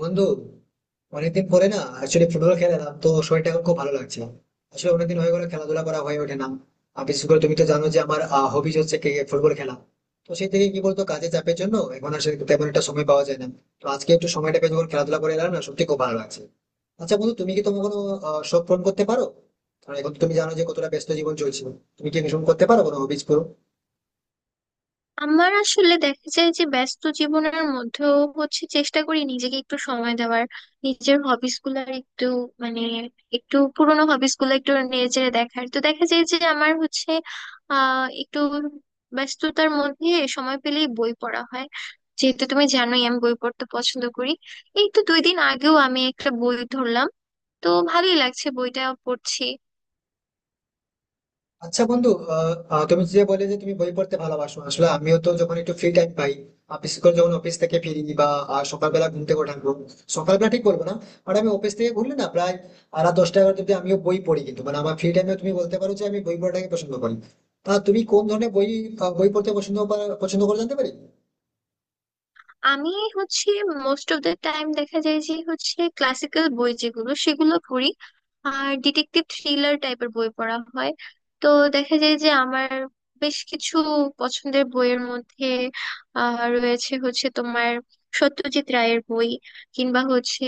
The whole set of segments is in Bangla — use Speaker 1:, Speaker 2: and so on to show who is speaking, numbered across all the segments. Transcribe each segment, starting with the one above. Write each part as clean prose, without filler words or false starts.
Speaker 1: বন্ধু, অনেকদিন পরে না অ্যাকচুয়ালি ফুটবল খেলাম তো শরীরটা এখন খুব ভালো লাগছে। আসলে অনেকদিন হয়ে গেল খেলাধুলা করা হয়ে ওঠে না। আর বিশেষ করে তুমি তো জানো যে আমার হবিজ হচ্ছে ক্রিকেট ফুটবল খেলা। তো সেই থেকে কি বলতো, কাজের চাপের জন্য এখন আসলে তেমন একটা সময় পাওয়া যায় না। তো আজকে একটু সময়টা পেয়ে যখন খেলাধুলা করে এলাম না, সত্যি খুব ভালো লাগছে। আচ্ছা বন্ধু, তুমি কি তোমার কোনো শখ পূরণ করতে পারো? কারণ এখন তো তুমি জানো যে কতটা ব্যস্ত জীবন চলছে। তুমি কি ভীষণ করতে পারো কোনো হবিজ পুরো?
Speaker 2: আমার আসলে দেখা যায় যে ব্যস্ত জীবনের মধ্যেও হচ্ছে চেষ্টা করি নিজেকে একটু সময় দেওয়ার, নিজের হবিস গুলার একটু মানে একটু পুরোনো হবিস গুলো একটু নেড়ে দেখার। তো দেখা যায় যে আমার হচ্ছে একটু ব্যস্ততার মধ্যে সময় পেলেই বই পড়া হয়, যেহেতু তুমি জানোই আমি বই পড়তে পছন্দ করি। এই তো দুই দিন আগেও আমি একটা বই ধরলাম, তো ভালোই লাগছে বইটা পড়ছি।
Speaker 1: আচ্ছা বন্ধু, আহ, আহ, তুমি যে বলে যে তুমি বই পড়তে ভালোবাসো, আসলে আমিও তো যখন একটু ফ্রি টাইম পাই, বিশেষ করে যখন অফিস থেকে ফিরি বা সকালবেলা ঘুম থেকে ওঠার পর। সকালবেলা ঠিক বলবো না, মানে আমি অফিস থেকে ঘুরলে না প্রায় রাত 10টা 11টা অব্দি আমিও বই পড়ি, কিন্তু মানে আমার ফ্রি টাইমে তুমি বলতে পারো যে আমি বই পড়াটাকে পছন্দ করি। তা তুমি কোন ধরনের বই বই পড়তে পছন্দ করে জানতে পারি?
Speaker 2: আমি হচ্ছে মোস্ট অফ দ্য টাইম দেখা যায় যে হচ্ছে ক্লাসিক্যাল বই যেগুলো সেগুলো পড়ি, আর ডিটেকটিভ থ্রিলার টাইপের বই পড়া হয়। তো দেখা যায় যে আমার বেশ কিছু পছন্দের বইয়ের মধ্যে রয়েছে হচ্ছে তোমার সত্যজিৎ রায়ের বই, কিংবা হচ্ছে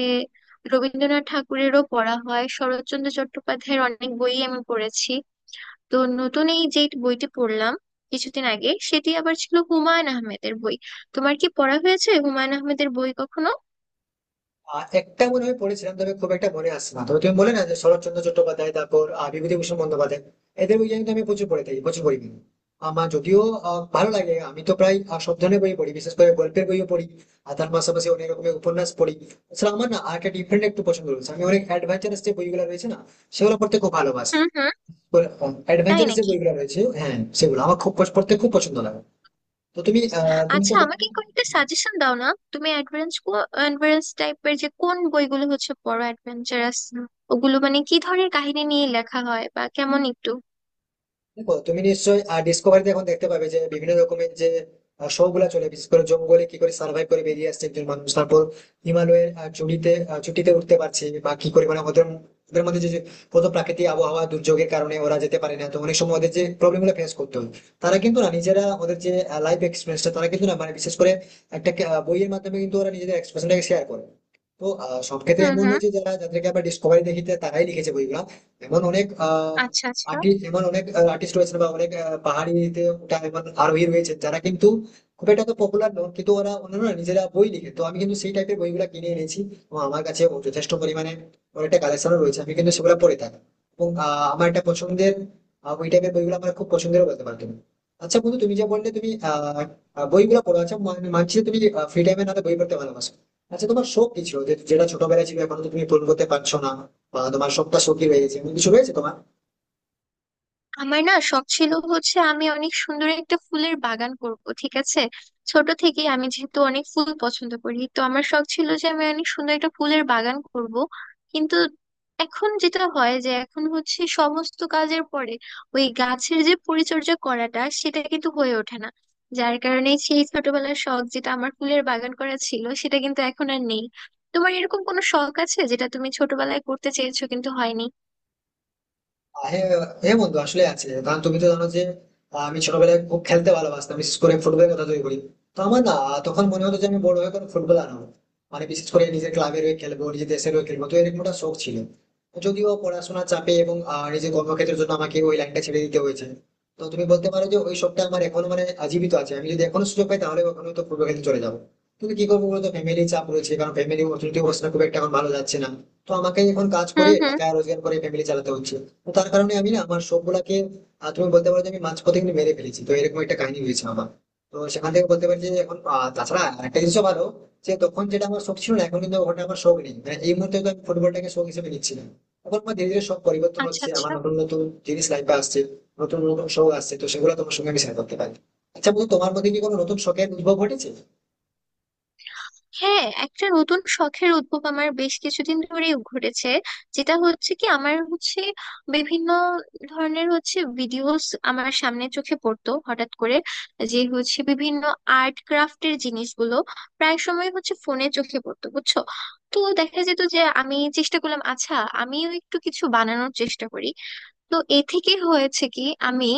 Speaker 2: রবীন্দ্রনাথ ঠাকুরেরও পড়া হয়, শরৎচন্দ্র চট্টোপাধ্যায়ের অনেক বই আমি পড়েছি। তো নতুন এই যে বইটি পড়লাম কিছুদিন আগে, সেটি আবার ছিল হুমায়ুন আহমেদের বই। তোমার কি পড়া হয়েছে হুমায়ুন আহমেদের বই কখনো?
Speaker 1: একটা মনে হয় পড়েছিলাম, তবে খুব একটা মনে আসছে না। তবে তুমি বলে না, যে শরৎচন্দ্র চট্টোপাধ্যায়, তারপর বিভূতিভূষণ বন্দ্যোপাধ্যায়, এদের বই কিন্তু আমি প্রচুর পড়ে থাকি, প্রচুর পড়ি কিন্তু। আমার যদিও ভালো লাগে, আমি তো প্রায় সব ধরনের বই পড়ি, বিশেষ করে গল্পের বইও পড়ি। আর তার পাশাপাশি অনেক রকমের উপন্যাস পড়ি। আসলে আমার না আর একটা ডিফারেন্ট একটু পছন্দ রয়েছে, আমি অনেক অ্যাডভেঞ্চারাস যে বইগুলো রয়েছে না, সেগুলো পড়তে খুব ভালোবাসি।
Speaker 2: হুম হুম। তাই
Speaker 1: অ্যাডভেঞ্চারাস যে
Speaker 2: নাকি?
Speaker 1: বইগুলো রয়েছে, হ্যাঁ, সেগুলো আমার খুব পড়তে খুব পছন্দ লাগে। তো তুমি তো
Speaker 2: আচ্ছা
Speaker 1: বলে।
Speaker 2: আমাকে কয়েকটা সাজেশন দাও না। তুমি অ্যাডভেঞ্চ অ্যাডভেঞ্চারাস টাইপের যে কোন বইগুলো হচ্ছে পড়ো অ্যাডভেঞ্চারাস, ওগুলো মানে কি ধরনের কাহিনী নিয়ে লেখা হয় বা কেমন একটু?
Speaker 1: দেখো, তুমি নিশ্চয়ই ডিসকভারিতে এখন দেখতে পাবে যে বিভিন্ন রকমের যে শো গুলা চলে, বিশেষ করে জঙ্গলে কি করে সার্ভাইভ করে বেরিয়ে আসছে একজন মানুষ, তারপর হিমালয়ের চুটিতে উঠতে পারছে, বা কি করে মানে ওদের ওদের মধ্যে যে যে কত প্রাকৃতিক আবহাওয়া দুর্যোগের কারণে ওরা যেতে পারে না। তো অনেক সময় ওদের যে প্রবলেম গুলো ফেস করতে হয়, তারা কিন্তু না নিজেরা ওদের যে লাইফ এক্সপিরিয়েন্সটা তারা কিন্তু না মানে বিশেষ করে একটা বইয়ের মাধ্যমে কিন্তু ওরা নিজেদের এক্সপিরিয়েন্সটাকে শেয়ার করে। তো সব ক্ষেত্রে
Speaker 2: হুম
Speaker 1: এমন
Speaker 2: হুম।
Speaker 1: নয় যে যারা যাদেরকে আমরা ডিসকভারি দেখিতে তারাই লিখেছে বইগুলা। এমন অনেক
Speaker 2: আচ্ছা আচ্ছা।
Speaker 1: আর্টিস্ট, এমন অনেক আর্টিস্ট রয়েছে বা অনেক পাহাড়িতে ওঠা এমন আরোহী রয়েছে, যারা কিন্তু খুব একটা তো পপুলার নয়, কিন্তু ওরা অন্যান্য নিজেরা বই লিখে। তো আমি কিন্তু সেই টাইপের বইগুলো কিনে এনেছি, এবং আমার কাছে ও যথেষ্ট পরিমাণে অনেকটা কালেকশনও রয়েছে, আমি কিন্তু সেগুলো পড়ে থাকি। এবং আমার একটা পছন্দের ওই টাইপের বইগুলো আমার খুব পছন্দেরও বলতে পারো তুমি। আচ্ছা বন্ধু, তুমি যে বললে তুমি আহ আহ, বইগুলো পড়ো। আচ্ছা, মানছি যে তুমি ফ্রি টাইমে না বই পড়তে ভালোবাসো। আচ্ছা তোমার শখ কি ছিল, যেটা ছোটবেলায় ছিল এখন তো তুমি পূরণ করতে পারছো না, বা তোমার শখটা শখই রয়ে গেছে, এমন কিছু রয়েছে তোমার?
Speaker 2: আমার না শখ ছিল হচ্ছে আমি অনেক সুন্দর একটা ফুলের বাগান করব, ঠিক আছে? ছোট থেকেই আমি যেহেতু অনেক ফুল পছন্দ করি, তো আমার শখ ছিল যে আমি অনেক সুন্দর একটা ফুলের বাগান করব। কিন্তু এখন যেটা হয় যে এখন হচ্ছে সমস্ত কাজের পরে ওই গাছের যে পরিচর্যা করাটা সেটা কিন্তু হয়ে ওঠে না, যার কারণে সেই ছোটবেলার শখ যেটা আমার ফুলের বাগান করা ছিল সেটা কিন্তু এখন আর নেই। তোমার এরকম কোনো শখ আছে যেটা তুমি ছোটবেলায় করতে চেয়েছো কিন্তু হয়নি?
Speaker 1: হ্যাঁ, হ্যাঁ বন্ধু, আসলে আছে, কারণ তুমি তো জানো যে আমি ছোটবেলায় খুব খেলতে ভালোবাসতাম, বিশেষ করে ফুটবলের কথা যদি বলি। তো আমার না তখন মনে হতো যে আমি বড় হয়ে কোনো ফুটবলার হবো, মানে বিশেষ করে নিজের ক্লাবের হয়ে খেলবো, নিজের দেশের হয়ে খেলবো, তো এরকম একটা শখ ছিল। যদিও পড়াশোনার চাপে এবং নিজের কর্মক্ষেত্রের জন্য আমাকে ওই লাইনটা ছেড়ে দিতে হয়েছে। তো তুমি বলতে পারো যে ওই শখটা আমার এখনো মানে জীবিত আছে, আমি যদি এখনো সুযোগ পাই তাহলে ওখানে তো ফুটবল খেলতে চলে যাবো। কিন্তু কি করবো বলতো, ফ্যামিলি চাপ রয়েছে, কারণ ফ্যামিলি অর্থনৈতিক অবস্থা খুব একটা এখন ভালো যাচ্ছে না। তো আমাকে এখন কাজ করে
Speaker 2: হুম হুম।
Speaker 1: টাকা রোজগার করে ফ্যামিলি চালাতে হচ্ছে। তো তার কারণে আমি না আমার সবগুলাকে তুমি বলতে পারো যে আমি মাঝপথে কিন্তু মেরে ফেলেছি, তো এরকম একটা কাহিনী হয়েছে আমার। তো সেখান থেকে বলতে পারি যে এখন তাছাড়া একটা জিনিসও ভালো, যে তখন যেটা আমার শখ ছিল না এখন কিন্তু ওটা আমার শখ নেই, মানে এই মুহূর্তে তো আমি ফুটবলটাকে শখ হিসেবে নিচ্ছি না। এখন আমার ধীরে ধীরে সব পরিবর্তন
Speaker 2: আচ্ছা
Speaker 1: হচ্ছে, আমার
Speaker 2: আচ্ছা।
Speaker 1: নতুন নতুন জিনিস লাইফে আসছে, নতুন নতুন শখ আসছে, তো সেগুলো তোমার সঙ্গে আমি শেয়ার করতে পারি। আচ্ছা বলতো তোমার মধ্যে কি কোনো নতুন শখের উদ্ভব ঘটেছে?
Speaker 2: হ্যাঁ, একটা নতুন শখের উদ্ভব আমার বেশ কিছুদিন ধরেই ঘটেছে, যেটা হচ্ছে কি আমার হচ্ছে বিভিন্ন ধরনের হচ্ছে ভিডিওস আমার সামনে চোখে পড়তো হঠাৎ করে, যে হচ্ছে বিভিন্ন আর্ট ক্রাফটের জিনিসগুলো প্রায় সময় হচ্ছে ফোনে চোখে পড়তো, বুঝছো? তো দেখা যেত যে আমি চেষ্টা করলাম আচ্ছা, আমিও একটু কিছু বানানোর চেষ্টা করি। তো এ থেকে হয়েছে কি আমি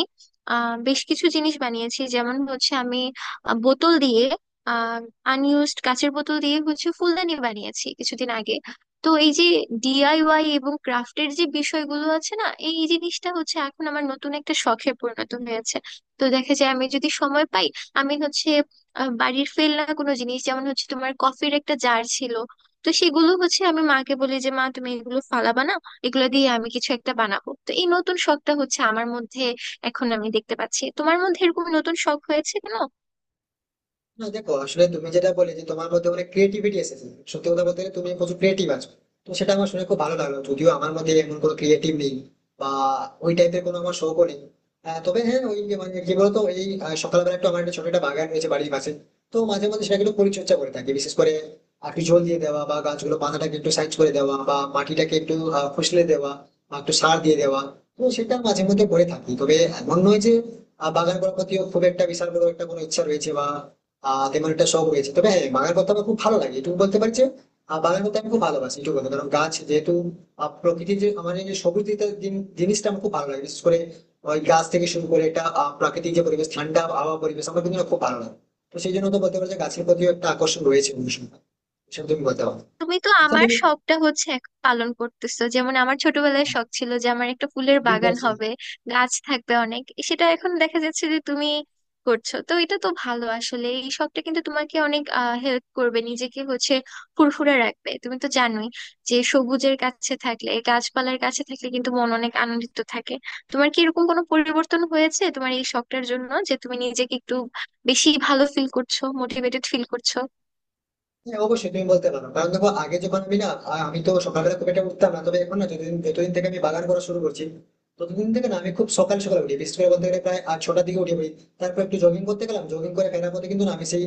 Speaker 2: বেশ কিছু জিনিস বানিয়েছি, যেমন হচ্ছে আমি বোতল দিয়ে আনইউজড কাঁচের বোতল দিয়ে হচ্ছে ফুলদানি বানিয়েছি কিছুদিন আগে। তো এই যে ডিআইওয়াই এবং ক্রাফটের যে বিষয়গুলো আছে না, এই জিনিসটা হচ্ছে এখন আমার নতুন একটা শখে পরিণত হয়েছে। তো দেখা যায় আমি যদি সময় পাই, আমি হচ্ছে বাড়ির ফেলনা কোনো জিনিস যেমন হচ্ছে তোমার কফির একটা জার ছিল, তো সেগুলো হচ্ছে আমি মাকে বলি যে মা তুমি এগুলো ফালাবা না, এগুলো দিয়ে আমি কিছু একটা বানাবো। তো এই নতুন শখটা হচ্ছে আমার মধ্যে এখন আমি দেখতে পাচ্ছি। তোমার মধ্যে এরকম নতুন শখ হয়েছে কেন?
Speaker 1: না দেখো, আসলে তুমি যেটা বলে যে তোমার মধ্যে অনেক ক্রিয়েটিভিটি এসেছে, সত্যি কথা বলতে গেলে তুমি প্রচুর ক্রিয়েটিভ আছো। তো সেটা আমার শুনে খুব ভালো লাগলো, যদিও আমার মধ্যে এমন কোনো ক্রিয়েটিভ নেই বা ওই টাইপের কোনো আমার শখও নেই। তবে হ্যাঁ, ওই যে মানে কি বলতো এই সকালবেলা একটু আমার একটা ছোট একটা বাগান রয়েছে বাড়ির পাশে। তো মাঝে মধ্যে সেটাকে একটু পরিচর্যা করে থাকি, বিশেষ করে একটু জল দিয়ে দেওয়া, বা গাছগুলো পাতাটাকে একটু সাইজ করে দেওয়া, বা মাটিটাকে একটু ফুসলে দেওয়া, বা একটু সার দিয়ে দেওয়া। তো সেটা মাঝে মধ্যে করে থাকি, তবে এমন নয় যে বাগান করার প্রতি খুব একটা বিশাল বড় একটা কোনো ইচ্ছা রয়েছে, বা তেমন একটা শখ রয়েছে। তবে হ্যাঁ, বাগান করতে আমার খুব ভালো লাগে এটুকু বলতে পারছি। বাগান করতে আমি খুব ভালোবাসি এটুকু কথা, কারণ গাছ যেহেতু প্রকৃতির যে আমার এই যে সবুজ দিকটা জিনিসটা আমার খুব ভালো লাগে, বিশেষ করে ওই গাছ থেকে শুরু করে এটা প্রাকৃতিক যে পরিবেশ ঠান্ডা আবহাওয়া পরিবেশ আমার কিন্তু খুব ভালো লাগে। তো সেই জন্য তো বলতে পারো যে গাছর প্রতিও একটা আকর্ষণ রয়েছে অনুষ্ঠানটা, সেটা তুমি বলতে পারো।
Speaker 2: তুমি তো
Speaker 1: আচ্ছা
Speaker 2: আমার
Speaker 1: তুমি
Speaker 2: শখটা হচ্ছে এখন পালন করতেছো, যেমন আমার ছোটবেলায় শখ ছিল যে আমার একটা ফুলের
Speaker 1: তুমি
Speaker 2: বাগান
Speaker 1: বলছিলে।
Speaker 2: হবে, গাছ থাকবে অনেক, সেটা এখন দেখা যাচ্ছে যে তুমি করছো। তো এটা তো ভালো, আসলে এই শখটা কিন্তু তোমাকে অনেক হেল্প করবে, নিজেকে হচ্ছে ফুরফুরে রাখবে। তুমি তো জানোই যে সবুজের কাছে থাকলে গাছপালার কাছে থাকলে কিন্তু মন অনেক আনন্দিত থাকে। তোমার কি এরকম কোনো পরিবর্তন হয়েছে তোমার এই শখটার জন্য যে তুমি নিজেকে একটু বেশি ভালো ফিল করছো, মোটিভেটেড ফিল করছো?
Speaker 1: হ্যাঁ অবশ্যই তুমি বলতে পারো, কারণ দেখো আগে যখন আমি না আমি তো সকালবেলা খুব একটা উঠতাম না, তবে এখন না যতদিন যতদিন থেকে আমি বাগান করা শুরু করছি ততদিন থেকে না আমি খুব সকাল সকাল উঠি, বিশেষ করে বলতে গেলে প্রায় 8 6টার দিকে উঠে পড়ি। তারপর একটু জগিং করতে গেলাম, জগিং করে ফেরার পথে কিন্তু না আমি সেই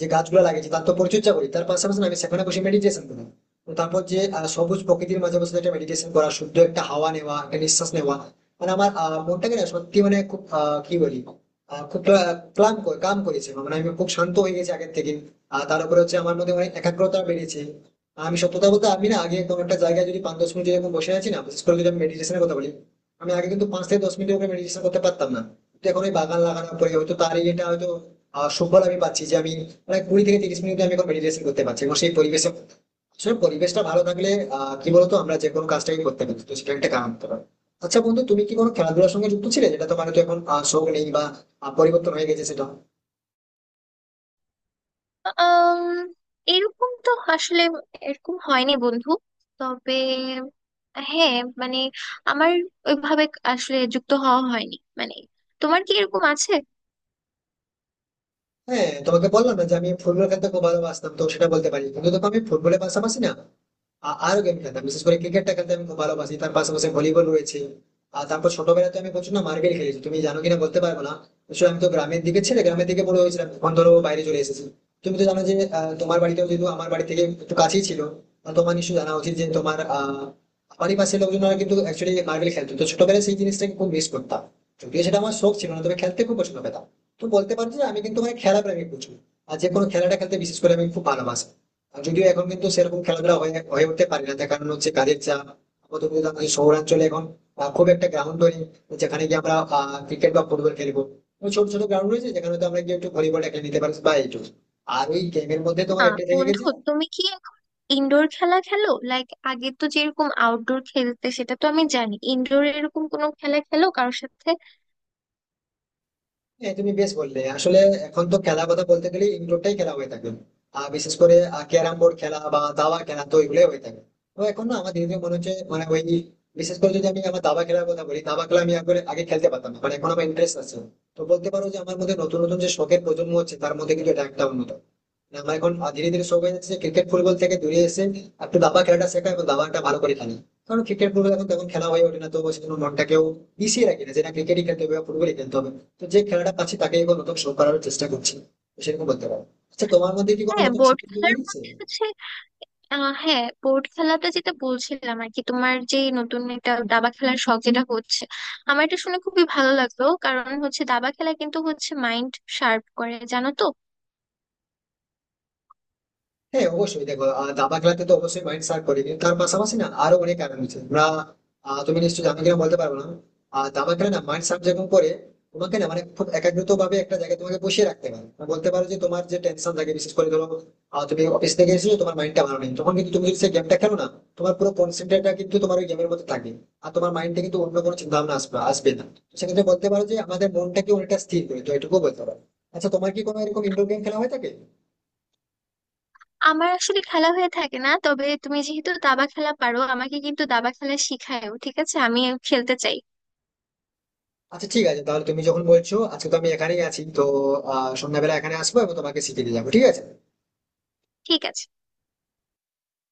Speaker 1: যে গাছগুলো লাগিয়েছি তার তো পরিচর্যা করি, তার পাশাপাশি না আমি সেখানে বসে মেডিটেশন করি। তো তারপর যে সবুজ প্রকৃতির মাঝে বসে একটা মেডিটেশন করা, শুদ্ধ একটা হাওয়া নেওয়া, একটা নিঃশ্বাস নেওয়া, মানে আমার মনটাকে না সত্যি মানে খুব কি বলি খুব ক্লান্ত করে কাম করেছে, মানে আমি খুব শান্ত হয়ে গেছি আগের থেকে। আর তার উপরে হচ্ছে আমার মধ্যে অনেক একাগ্রতা বেড়েছে। আমি সত্যি কথা বলতে, আমি না আগে কোনো একটা জায়গায় যদি 5 10 মিনিট এরকম বসে আছি না, বিশেষ করে যদি আমি মেডিটেশনের কথা বলি, আমি আগে কিন্তু 5 থেকে 10 মিনিটের উপরে মেডিটেশন করতে পারতাম না। কিন্তু এখন ওই বাগান লাগানোর পরে হয়তো তার, এটা হয়তো সুফল আমি পাচ্ছি, যে আমি প্রায় 20 থেকে 30 মিনিট আমি এখন মেডিটেশন করতে পারছি, এবং সেই পরিবেশে আসলে পরিবেশটা ভালো থাকলে কি বলতো আমরা যে কোনো কাজটাই করতে পারি, তো সেটা একটা কাম হতে পারে। আচ্ছা বন্ধু, তুমি কি কোনো খেলাধুলার সঙ্গে যুক্ত ছিলে, যেটা তোমার তো এখন শখ নেই বা পরিবর্তন হয়ে গেছে সেটা?
Speaker 2: আম, এরকম তো আসলে এরকম হয়নি বন্ধু। তবে হ্যাঁ মানে আমার ওইভাবে আসলে যুক্ত হওয়া হয়নি মানে। তোমার কি এরকম আছে?
Speaker 1: হ্যাঁ তোমাকে বললাম না যে আমি ফুটবল খেলতে খুব ভালোবাসতাম, তো সেটা বলতে পারি। কিন্তু দেখো আমি ফুটবলের পাশাপাশি না আরো গেম খেলতাম, বিশেষ করে ক্রিকেটটা খেলতে আমি খুব ভালোবাসি, তার পাশাপাশি ভলিবল রয়েছে। আর তারপর ছোটবেলায় তো আমি প্রচুর না মার্বেল খেলেছি, তুমি জানো কিনা বলতে পারবো না। আসলে আমি তো গ্রামের দিকে ছেলে, গ্রামের দিকে বড় হয়েছিলাম, এখন ধরো বাইরে চলে এসেছি। তুমি তো জানো যে তোমার বাড়িতেও যেহেতু আমার বাড়ি থেকে একটু কাছেই ছিল। আর তোমার নিশ্চয়ই জানা উচিত যে তোমার বাড়ির পাশের লোকজনরা কিন্তু অ্যাকচুয়ালি মার্বেল খেলতো, তো ছোটবেলায় সেই জিনিসটাকে খুব মিস করতাম। যদিও সেটা আমার শখ ছিল না, তবে খেলতে খুব পছন্দ পেতাম। তো বলতে পারি যে আমি কিন্তু মানে খেলা প্রেমিক প্রচুর, আর যে কোনো খেলাটা খেলতে বিশেষ করে আমি খুব ভালোবাসি। আর যদিও এখন কিন্তু সেরকম খেলাধুলা হয়ে হয়ে উঠতে পারি না, তার কারণ হচ্ছে কাজের চাপ। আপাতত কিন্তু আমাদের শহরাঞ্চলে এখন খুব একটা গ্রাউন্ড নেই, যেখানে গিয়ে আমরা ক্রিকেট বা ফুটবল খেলবো। ওই ছোট ছোট গ্রাউন্ড রয়েছে, যেখানে তো আমরা গিয়ে একটু ভলিবলটা খেলে নিতে পারি বা এইটুকু। আর ওই গেমের মধ্যে তোমার
Speaker 2: না
Speaker 1: একটা থেকে
Speaker 2: বন্ধু,
Speaker 1: গেছে।
Speaker 2: তুমি কি এখন ইনডোর খেলা খেলো? লাইক আগে তো যেরকম আউটডোর খেলতে সেটা তো আমি জানি, ইনডোর এরকম কোনো খেলা খেলো কারোর সাথে?
Speaker 1: হ্যাঁ তুমি বেশ বললে আসলে, এখন তো খেলা কথা বলতে গেলে ইনডোরটাই খেলা হয়ে থাকে। আর বিশেষ করে ক্যারাম বোর্ড খেলা বা দাবা খেলা, তো এগুলোই হয়ে থাকে। তো এখন না আমার ধীরে ধীরে মনে হচ্ছে, মানে ওই বিশেষ করে যদি আমি আমার দাবা খেলার কথা বলি, দাবা খেলা আমি আগে আগে খেলতে পারতাম না, মানে এখন আমার ইন্টারেস্ট আছে। তো বলতে পারো যে আমার মধ্যে নতুন নতুন যে শখের প্রজন্ম হচ্ছে তার মধ্যে কিন্তু এটা একটা অন্যতম। মানে আমার এখন ধীরে ধীরে শখ হয়ে যাচ্ছে ক্রিকেট ফুটবল থেকে দূরে এসে একটু দাবা খেলাটা শেখা এবং দাবাটা ভালো করে খেলি। কারণ ক্রিকেট ফুটবল এখন তেমন খেলা হয়ে ওঠে না, তো সেজন্য মনটাকেও মিশিয়ে রাখি না, যেটা ক্রিকেটই খেলতে হবে বা ফুটবলই খেলতে হবে। তো যে খেলাটা পাচ্ছি তাকে এবার নতুন শো করার চেষ্টা করছি, তো সেরকম বলতে পারো। আচ্ছা তোমার মধ্যে কি কোনো
Speaker 2: হ্যাঁ
Speaker 1: নতুন
Speaker 2: বোর্ড
Speaker 1: শখের জন্ম
Speaker 2: খেলার
Speaker 1: নিয়েছে?
Speaker 2: মধ্যে হচ্ছে আহ হ্যাঁ বোর্ড খেলাটা যেটা বলছিলাম আর কি, তোমার যে নতুন একটা দাবা খেলার শখ যেটা হচ্ছে, আমার এটা শুনে খুবই ভালো লাগলো, কারণ হচ্ছে দাবা খেলা কিন্তু হচ্ছে মাইন্ড শার্প করে, জানো তো।
Speaker 1: হ্যাঁ অবশ্যই দেখো, দাবা খেলাতে তো অবশ্যই মাইন্ড শার্প করে, কিন্তু তার পাশাপাশি না আরো অনেক কারণ আছে আমরা তুমি নিশ্চয়ই আমি কিনা বলতে পারবো না। আর দাবা খেলা না মাইন্ড শার্প যেরকম করে তোমাকে না, মানে খুব একাগ্রত ভাবে একটা জায়গায় তোমাকে বসিয়ে রাখতে পারে, মানে বলতে পারো যে তোমার যে টেনশন থাকে, বিশেষ করে ধরো তুমি অফিস থেকে এসেছো, তোমার মাইন্ডটা ভালো নেই, তখন কিন্তু তুমি যদি সেই গেমটা খেলো না, তোমার পুরো কনসেন্ট্রেটটা কিন্তু তোমার ওই গেমের মধ্যে থাকে। আর তোমার মাইন্ডে কিন্তু অন্য কোনো চিন্তা ভাবনা আসবে আসবে না। তো সেক্ষেত্রে বলতে পারো যে আমাদের মনটাকে অনেকটা স্থির করে, তো এটুকু বলতে পারো। আচ্ছা তোমার কি কোনো এরকম ইনডোর গেম খেলা হয়ে থাকে?
Speaker 2: আমার আসলে খেলা হয়ে থাকে না, তবে তুমি যেহেতু দাবা খেলা পারো, আমাকে কিন্তু দাবা খেলা শিখায়ও, ঠিক আছে? আমি খেলতে চাই,
Speaker 1: আচ্ছা ঠিক আছে, তাহলে তুমি যখন বলছো, আজকে তো আমি এখানেই আছি, তো সন্ধ্যাবেলা এখানে আসবো এবং তোমাকে শিখিয়ে দিয়ে যাবো, ঠিক আছে।
Speaker 2: ঠিক আছে।